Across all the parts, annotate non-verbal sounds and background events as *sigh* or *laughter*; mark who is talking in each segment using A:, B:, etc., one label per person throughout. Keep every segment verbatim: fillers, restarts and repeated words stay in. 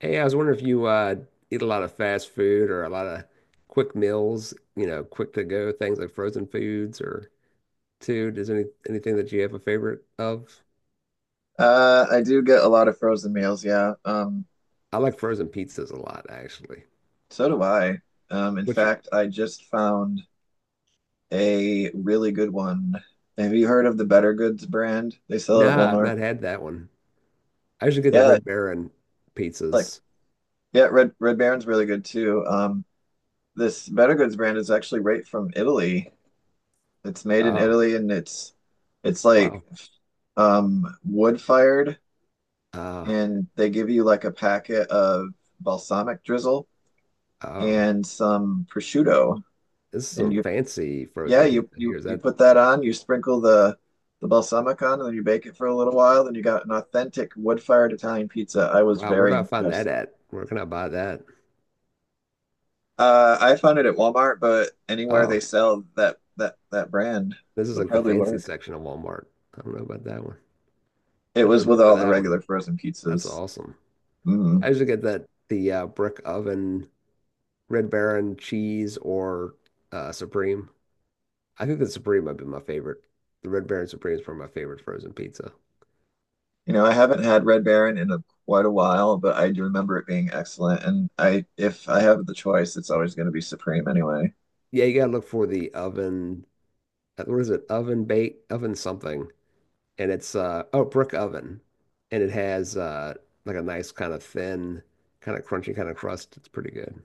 A: Hey, I was wondering if you uh, eat a lot of fast food or a lot of quick meals, you know, quick to go things like frozen foods or too. Does any anything that you have a favorite of?
B: Uh, I do get a lot of frozen meals, yeah. Um,
A: I like frozen pizzas a lot, actually.
B: so do I. Um, in
A: Which,
B: fact, I just found a really good one. Have you heard of the Better Goods brand? They sell it at
A: nah, I've
B: Walmart.
A: not had that one. I usually get the
B: Yeah, it's
A: Red Baron
B: like
A: pizzas.
B: yeah, Red Red Baron's really good too. Um, this Better Goods brand is actually right from Italy. It's made in
A: Oh,
B: Italy and it's it's like
A: wow.
B: um wood
A: What?
B: fired,
A: Oh,
B: and they give you like a packet of balsamic drizzle
A: oh,
B: and some prosciutto
A: this is
B: and
A: some
B: you
A: fancy
B: yeah,
A: frozen
B: you
A: pizza here.
B: you
A: Is
B: you
A: that,
B: put that on, you sprinkle the the balsamic on, and then you bake it for a little while. Then you got an authentic wood-fired Italian pizza. I was
A: wow, where
B: very
A: do I find that
B: impressed.
A: at? Where can I buy that?
B: Uh, I found it at Walmart, but anywhere they
A: Oh,
B: sell that that that brand
A: this is
B: would
A: like the
B: probably
A: fancy
B: work.
A: section of Walmart. I don't know about that one.
B: It
A: I had to
B: was with
A: look for
B: all the
A: that
B: regular
A: one.
B: frozen
A: That's
B: pizzas.
A: awesome. I
B: Mm.
A: usually get that the uh, brick oven, Red Baron cheese or uh, Supreme. I think the Supreme might be my favorite. The Red Baron Supreme is probably my favorite frozen pizza.
B: You know, I haven't had Red Baron in a, quite a while, but I do remember it being excellent. And I, if I have the choice, it's always going to be Supreme anyway.
A: Yeah, you gotta look for the oven. uh, What is it? Oven bake, oven something, and it's uh oh brick oven, and it has uh like a nice kind of thin, kind of crunchy kind of crust. It's pretty good,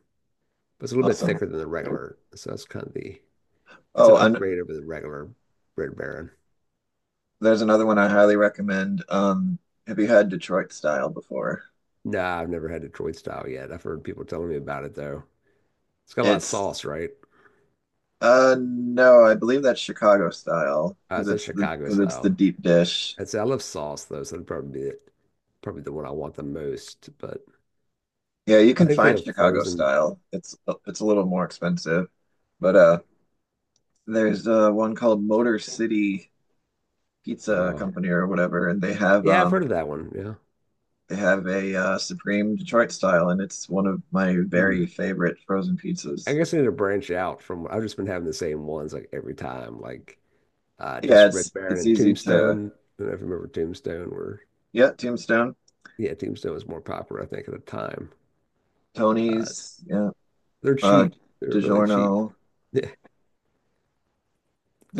A: but it's a little bit
B: Awesome.
A: thicker than the regular. So that's kind of the it's an
B: Oh, and
A: upgrade over the regular Red Baron.
B: there's another one I highly recommend. Um, have you had Detroit style before?
A: Nah, I've never had Detroit style yet. I've heard people telling me about it though. It's got a lot of
B: It's
A: sauce, right?
B: uh no, I believe that's Chicago style
A: Uh,
B: because
A: it's a
B: it's the
A: Chicago
B: because it's the
A: style.
B: deep dish.
A: I'd say I love sauce though, so that'd probably be it. Probably the one I want the most. But
B: Yeah, you
A: I
B: can
A: think they
B: find
A: have
B: Chicago
A: frozen.
B: style. It's it's a little more expensive, but uh, there's uh one called Motor City Pizza
A: Uh,
B: Company or whatever, and they have
A: yeah, I've heard
B: um
A: of that one. Yeah.
B: they have a uh, Supreme Detroit style, and it's one of my very
A: Hmm.
B: favorite frozen
A: I
B: pizzas.
A: guess I need to branch out from. I've just been having the same ones like every time, like uh,
B: Yeah,
A: just Red
B: it's
A: Baron
B: it's
A: and
B: easy to
A: Tombstone. I don't know if you remember Tombstone, where
B: yeah, Tombstone.
A: yeah, Tombstone was more popular, I think, at the time. Uh,
B: Tony's, yeah,
A: they're
B: uh,
A: cheap. They're really cheap. *laughs*
B: DiGiorno.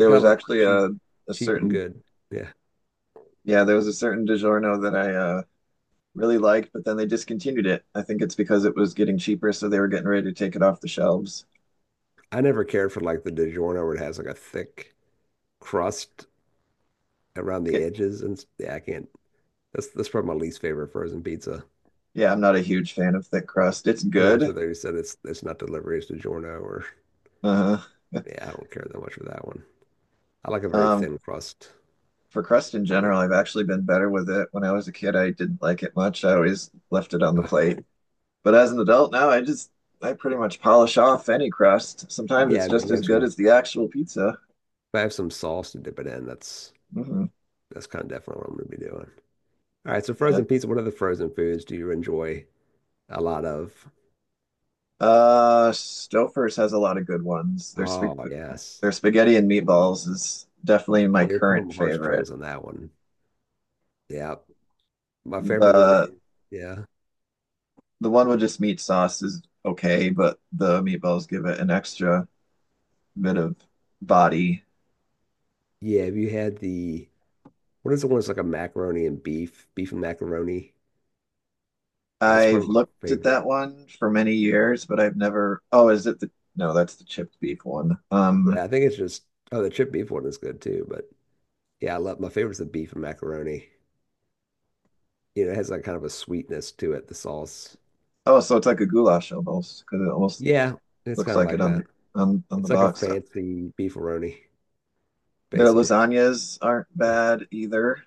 A: I kind
B: was
A: of look for
B: actually
A: cheap,
B: a a
A: cheap and
B: certain
A: good. Yeah.
B: yeah, there was a certain DiGiorno that I uh, really liked, but then they discontinued it. I think it's because it was getting cheaper, so they were getting ready to take it off the shelves.
A: I never cared for like the DiGiorno where it has like a thick crust around
B: Yeah,
A: the edges and s- yeah, I can't. That's that's probably my least favorite frozen pizza.
B: yeah, I'm not a huge fan of thick crust. It's
A: The ones
B: good.
A: where they said it's it's not delivery, it's DiGiorno or
B: Uh, *laughs*
A: yeah, I don't care that much for that one. I like a very
B: um,
A: thin crust
B: for crust in
A: on it.
B: general, I've actually been better with it. When I was a kid, I didn't like it much. I always left it on the
A: Ah,
B: plate. But as an adult now, I just I pretty much polish off any crust. Sometimes
A: yeah,
B: it's
A: I mean,
B: just
A: you
B: as
A: have
B: good
A: some
B: as the actual pizza.
A: if I have some sauce to dip it in, that's
B: Hmm.
A: that's kind of definitely what I'm gonna be doing. All right, so
B: Yeah.
A: frozen pizza, what other frozen foods do you enjoy a lot of?
B: Uh, Stouffer's has a lot of good ones. Their sp
A: Oh, yes.
B: their spaghetti and meatballs is definitely my
A: Yeah, you're pulling
B: current
A: my
B: favorite.
A: heartstrings on that one. Yeah. My favorite one
B: The
A: is, yeah.
B: the one with just meat sauce is okay, but the meatballs give it an extra bit of body.
A: Yeah, have you had the what is the one that's like a macaroni and beef, beef and macaroni? That's
B: I've
A: probably my
B: looked at
A: favorite.
B: that one for many years, but I've never. Oh, is it the? No, that's the chipped beef one. Um.
A: Yeah, I think it's just oh the chip beef one is good too, but yeah, I love my favorite's the beef and macaroni. You know, it has like kind of a sweetness to it, the sauce.
B: Oh, so it's like a goulash almost because it almost
A: Yeah, it's
B: looks
A: kind of
B: like it
A: like that.
B: on on on the
A: It's like a
B: box.
A: fancy beefaroni,
B: Their
A: basically.
B: lasagnas aren't bad either.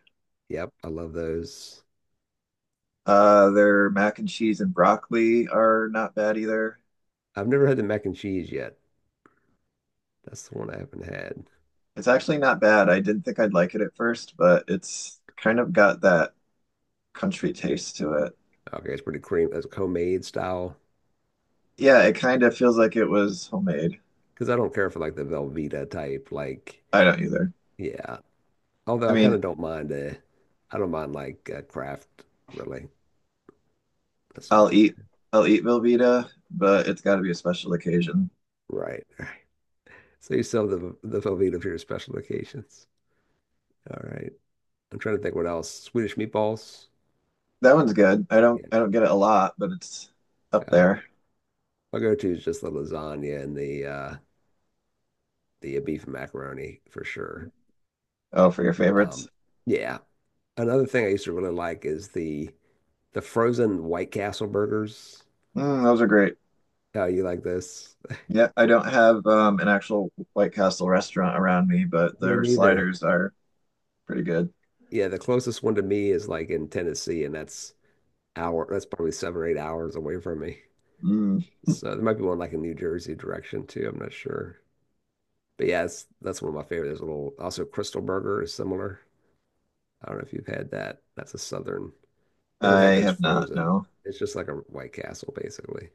A: Yep, I love those.
B: Uh, their mac and cheese and broccoli are not bad either.
A: I've never had the mac and cheese yet. That's the one I haven't had.
B: It's actually not bad. I didn't think I'd like it at first, but it's kind of got that country taste to it.
A: Okay, it's pretty cream. It's homemade style.
B: Yeah, it kind of feels like it was homemade.
A: Because I don't care for like the Velveeta type. Like,
B: I don't either.
A: yeah. Although
B: I
A: I kind
B: mean,
A: of don't mind. Uh, I don't mind like uh, craft. Really, that's not
B: I'll
A: too
B: eat I'll eat Velveeta, but it's got to be a special occasion.
A: right. Right. So you sell the the Velveeta for your special occasions. All right. I'm trying to think what else. Swedish meatballs.
B: That one's good. I don't
A: Yeah.
B: I don't get it a lot, but it's up
A: Yeah.
B: there.
A: My go-to is just the lasagna and the uh the beef and macaroni for sure.
B: Oh, for your
A: Um,
B: favorites.
A: yeah. Another thing I used to really like is the the frozen White Castle burgers.
B: Mm, those are great.
A: Oh, you like this?
B: Yeah, I don't have um, an actual White Castle restaurant around me, but
A: Me
B: their
A: neither.
B: sliders are pretty good.
A: Yeah, the closest one to me is like in Tennessee, and that's hour, that's probably seven or eight hours away from me.
B: Mm,
A: So there might be one like in New Jersey direction too. I'm not sure. But yeah, it's, that's one of my favorite. There's a little, also Crystal Burger is similar. I don't know if you've had that. That's a southern. They don't have
B: I
A: those
B: have not,
A: frozen.
B: no.
A: It's just like a White Castle basically.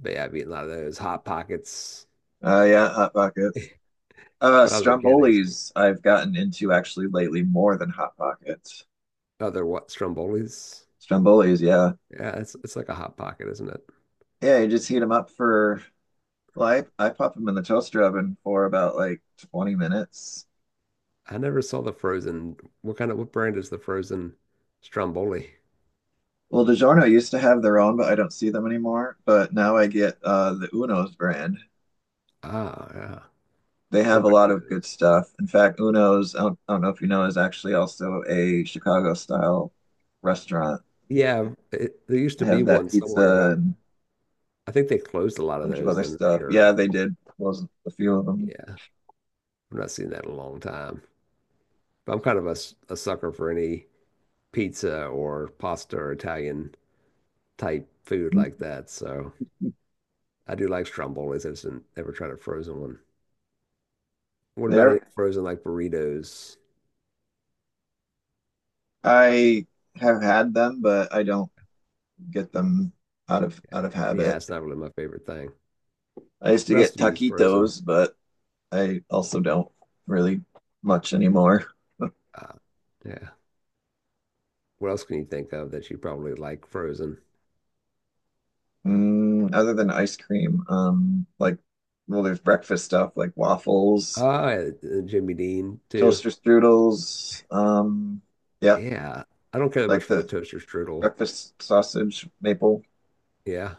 A: But yeah, I've eaten a lot of those Hot Pockets.
B: Uh, yeah, Hot Pockets.
A: *laughs*
B: Uh,
A: When I was a kid, I used to eat
B: Stromboli's I've gotten into actually lately more than Hot Pockets.
A: other what Strombolis.
B: Stromboli's, yeah.
A: Yeah, it's it's like a Hot Pocket, isn't it?
B: Yeah, you just heat them up for, well, I, I pop them in the toaster oven for about like twenty minutes.
A: I never saw the frozen. What kind of what brand is the frozen Stromboli?
B: Well, DiGiorno used to have their own, but I don't see them anymore. But now I get uh, the Uno's brand.
A: Ah, yeah.
B: They have a
A: Everybody
B: lot of good
A: knows.
B: stuff. In fact, Uno's, I don't, I don't know if you know, is actually also a Chicago style restaurant.
A: Yeah, it, there used
B: It
A: to be
B: has that
A: one somewhere,
B: pizza
A: but
B: and
A: I, I think they closed a lot
B: a
A: of
B: bunch of
A: those,
B: other
A: and they
B: stuff.
A: are.
B: Yeah, they did close a few of them.
A: Yeah, I've not seen that in a long time. But I'm kind of a, s- a sucker for any pizza or pasta or Italian type food like that. So I do like Strombolis. I just didn't ever tried a frozen one. What about any
B: There,
A: frozen like burritos?
B: I have had them, but I don't get them out of out of
A: Yeah,
B: habit.
A: it's not really my favorite thing.
B: I used to
A: What else
B: get
A: do you eat frozen?
B: taquitos, but I also don't really much anymore.
A: Uh, yeah. What else can you think of that you probably like Frozen?
B: Mm, other than ice cream, um, like well, there's breakfast stuff like waffles,
A: Ah, uh, Jimmy Dean too.
B: toaster strudels, um, yeah,
A: Yeah. I don't care that much
B: like
A: for the
B: the
A: toaster strudel.
B: breakfast sausage maple.
A: Yeah.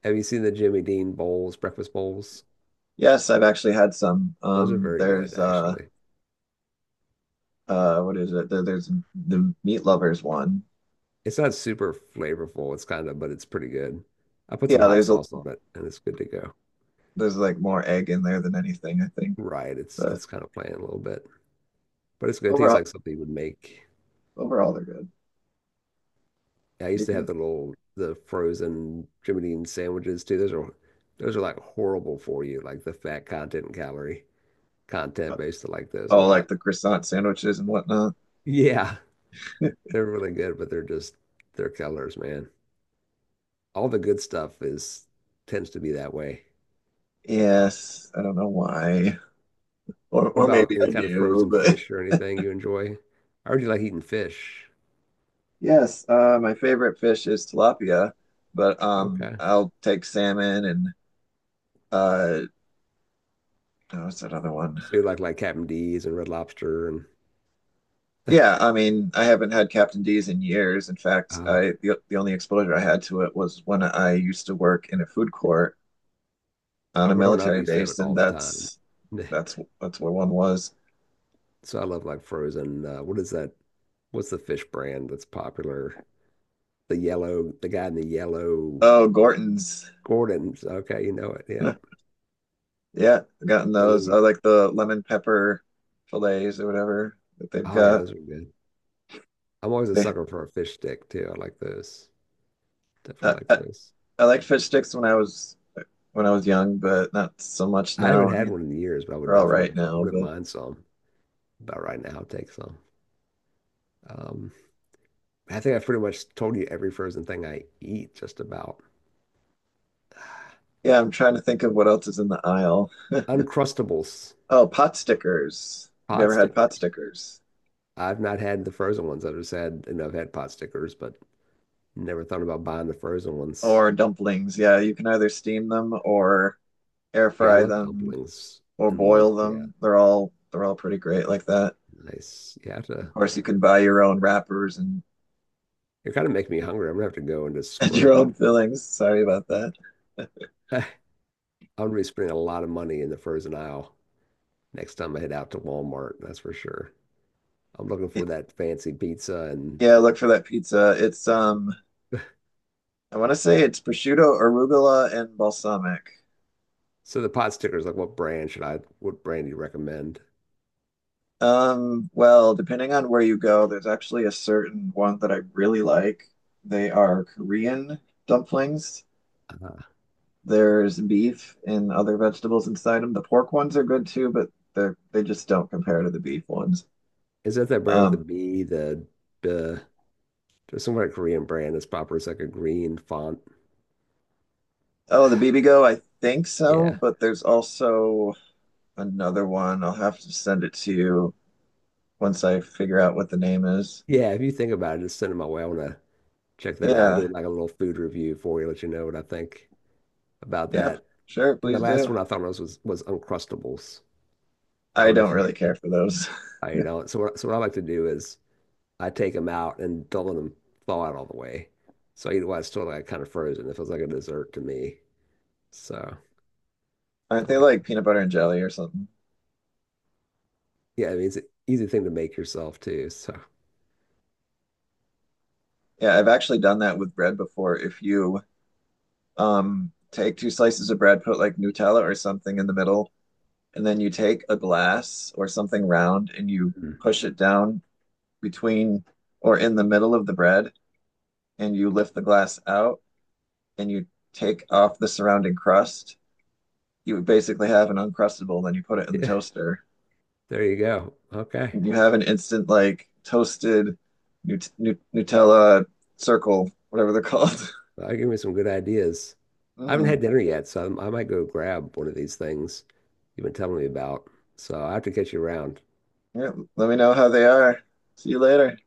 A: Have you seen the Jimmy Dean bowls, breakfast bowls?
B: Yes, I've actually had some.
A: Those are
B: Um,
A: very good,
B: there's uh,
A: actually.
B: uh, what is it? There, there's the meat lovers one.
A: It's not super flavorful. It's kind of, but it's pretty good. I put some
B: Yeah,
A: hot
B: there's a
A: sauce on it and it's good to go.
B: there's like more egg in there than anything, I think.
A: Right. It's
B: But
A: it's kind of plain a little bit, but it's good. It tastes
B: overall,
A: like something you would make.
B: overall they're good.
A: Yeah, I
B: You
A: used to have
B: can
A: the little the frozen Jimmy Dean sandwiches too. Those are those are like horrible for you, like the fat content and calorie. Content
B: uh,
A: based like those a
B: oh, like
A: lot.
B: the croissant sandwiches and whatnot.
A: Yeah, *laughs* they're really good, but they're just they're killers, man. All the good stuff is tends to be that way. Uh,
B: Yes, I don't know why, or
A: what
B: or
A: about
B: maybe
A: any
B: I
A: kind of
B: do,
A: frozen
B: but
A: fish or anything you enjoy? I heard you like eating fish.
B: *laughs* yes, uh, my favorite fish is tilapia, but um,
A: Okay,
B: I'll take salmon and uh, oh, what's that other one?
A: so you like like Captain D's and Red Lobster and
B: Yeah,
A: *laughs*
B: I mean, I haven't had Captain D's in years. In fact,
A: uh,
B: I the, the only exposure I had to it was when I used to work in a food court on
A: uh,
B: a
A: growing up, I
B: military
A: used to have it
B: base, and
A: all the time.
B: that's
A: *laughs*
B: that's that's where one was.
A: So I love like frozen. Uh, what is that? What's the fish brand that's popular? The yellow, the guy in the yellow,
B: Oh, Gorton's.
A: Gordon's. Okay, you know it. Yeah.
B: *laughs* Yeah, I've gotten
A: And
B: those. I
A: then
B: like the lemon pepper fillets or whatever that they've
A: Oh yeah,
B: got.
A: those are good. I'm always a
B: They,
A: sucker for a fish stick too. I like those.
B: I,
A: Definitely like
B: I,
A: those.
B: I liked fish sticks when I was when I was young, but not so much
A: I haven't
B: now. I
A: had
B: mean,
A: one in years, but I would
B: they're all
A: definitely,
B: right
A: I
B: now,
A: wouldn't
B: but
A: mind some. But right now, I'll take some. Um, I think I've pretty much told you every frozen thing I eat, just about.
B: yeah, I'm trying to think of what else is in the aisle.
A: Uncrustables,
B: Oh, pot stickers. Have you
A: pot
B: ever had pot
A: stickers.
B: stickers?
A: I've not had the frozen ones. I've just had, you I've had pot stickers, but never thought about buying the frozen ones.
B: Or dumplings. Yeah, you can either steam them or air
A: Yeah, I
B: fry
A: love
B: them
A: dumplings
B: or
A: and want,
B: boil
A: yeah,
B: them. They're all they're all pretty great like that.
A: nice. You have
B: Of
A: to,
B: course, you can buy your own wrappers and,
A: you're kind of making me hungry. I'm gonna have to go and just
B: *laughs* and your
A: splurge.
B: own fillings. Sorry about that.
A: *laughs* I'm gonna be spending a lot of money in the frozen aisle next time I head out to Walmart, that's for sure. I'm looking for that fancy pizza
B: *laughs*
A: and
B: Yeah, look for that pizza. It's um
A: *laughs*
B: I want to say it's prosciutto, arugula, and balsamic.
A: so the pot stickers, like what brand should I, what brand do you recommend?
B: Um, well, depending on where you go, there's actually a certain one that I really like. They are Korean dumplings.
A: Uh,
B: There's beef and other vegetables inside them. The pork ones are good too, but they're they just don't compare to the beef ones.
A: is that that brand with the
B: Um,
A: B, the, the, there's some kind of Korean brand that's popular. It's like a green font. *sighs*
B: oh, the bibigo, I think so,
A: Yeah.
B: but there's also another one. I'll have to send it to you once I figure out what the name is.
A: Yeah. If you think about it, just send it my way. I want to check that out. Do
B: Yeah,
A: like a little food review for you, let you know what I think about
B: yeah,
A: that.
B: sure,
A: And the
B: please
A: last
B: do.
A: one I thought was was, was Uncrustables. I
B: I
A: don't know if
B: don't
A: you
B: really care for those.
A: Uh, you know, so what, so what I like to do is I take them out and don't let them thaw out all the way. So I eat it while it's still like kind of frozen. It feels like a dessert to me. So
B: *laughs*
A: I
B: Aren't they
A: like,
B: like peanut butter and jelly or something?
A: yeah, I mean, it's an easy thing to make yourself too. So
B: Yeah, I've actually done that with bread before. If you um take two slices of bread, put like Nutella or something in the middle, and then you take a glass or something round and you
A: Mm.
B: push it down between or in the middle of the bread, and you lift the glass out and you take off the surrounding crust, you would basically have an Uncrustable, then you put it in the
A: Yeah,
B: toaster.
A: there you go. Okay.
B: And you have an instant like toasted Nut Nut Nutella circle, whatever they're called. *laughs*
A: Well, that gave me some good ideas. I haven't
B: Mm.
A: had dinner yet, so I'm, I might go grab one of these things you've been telling me about. So I have to catch you around.
B: Yeah, let me know how they are. See you later.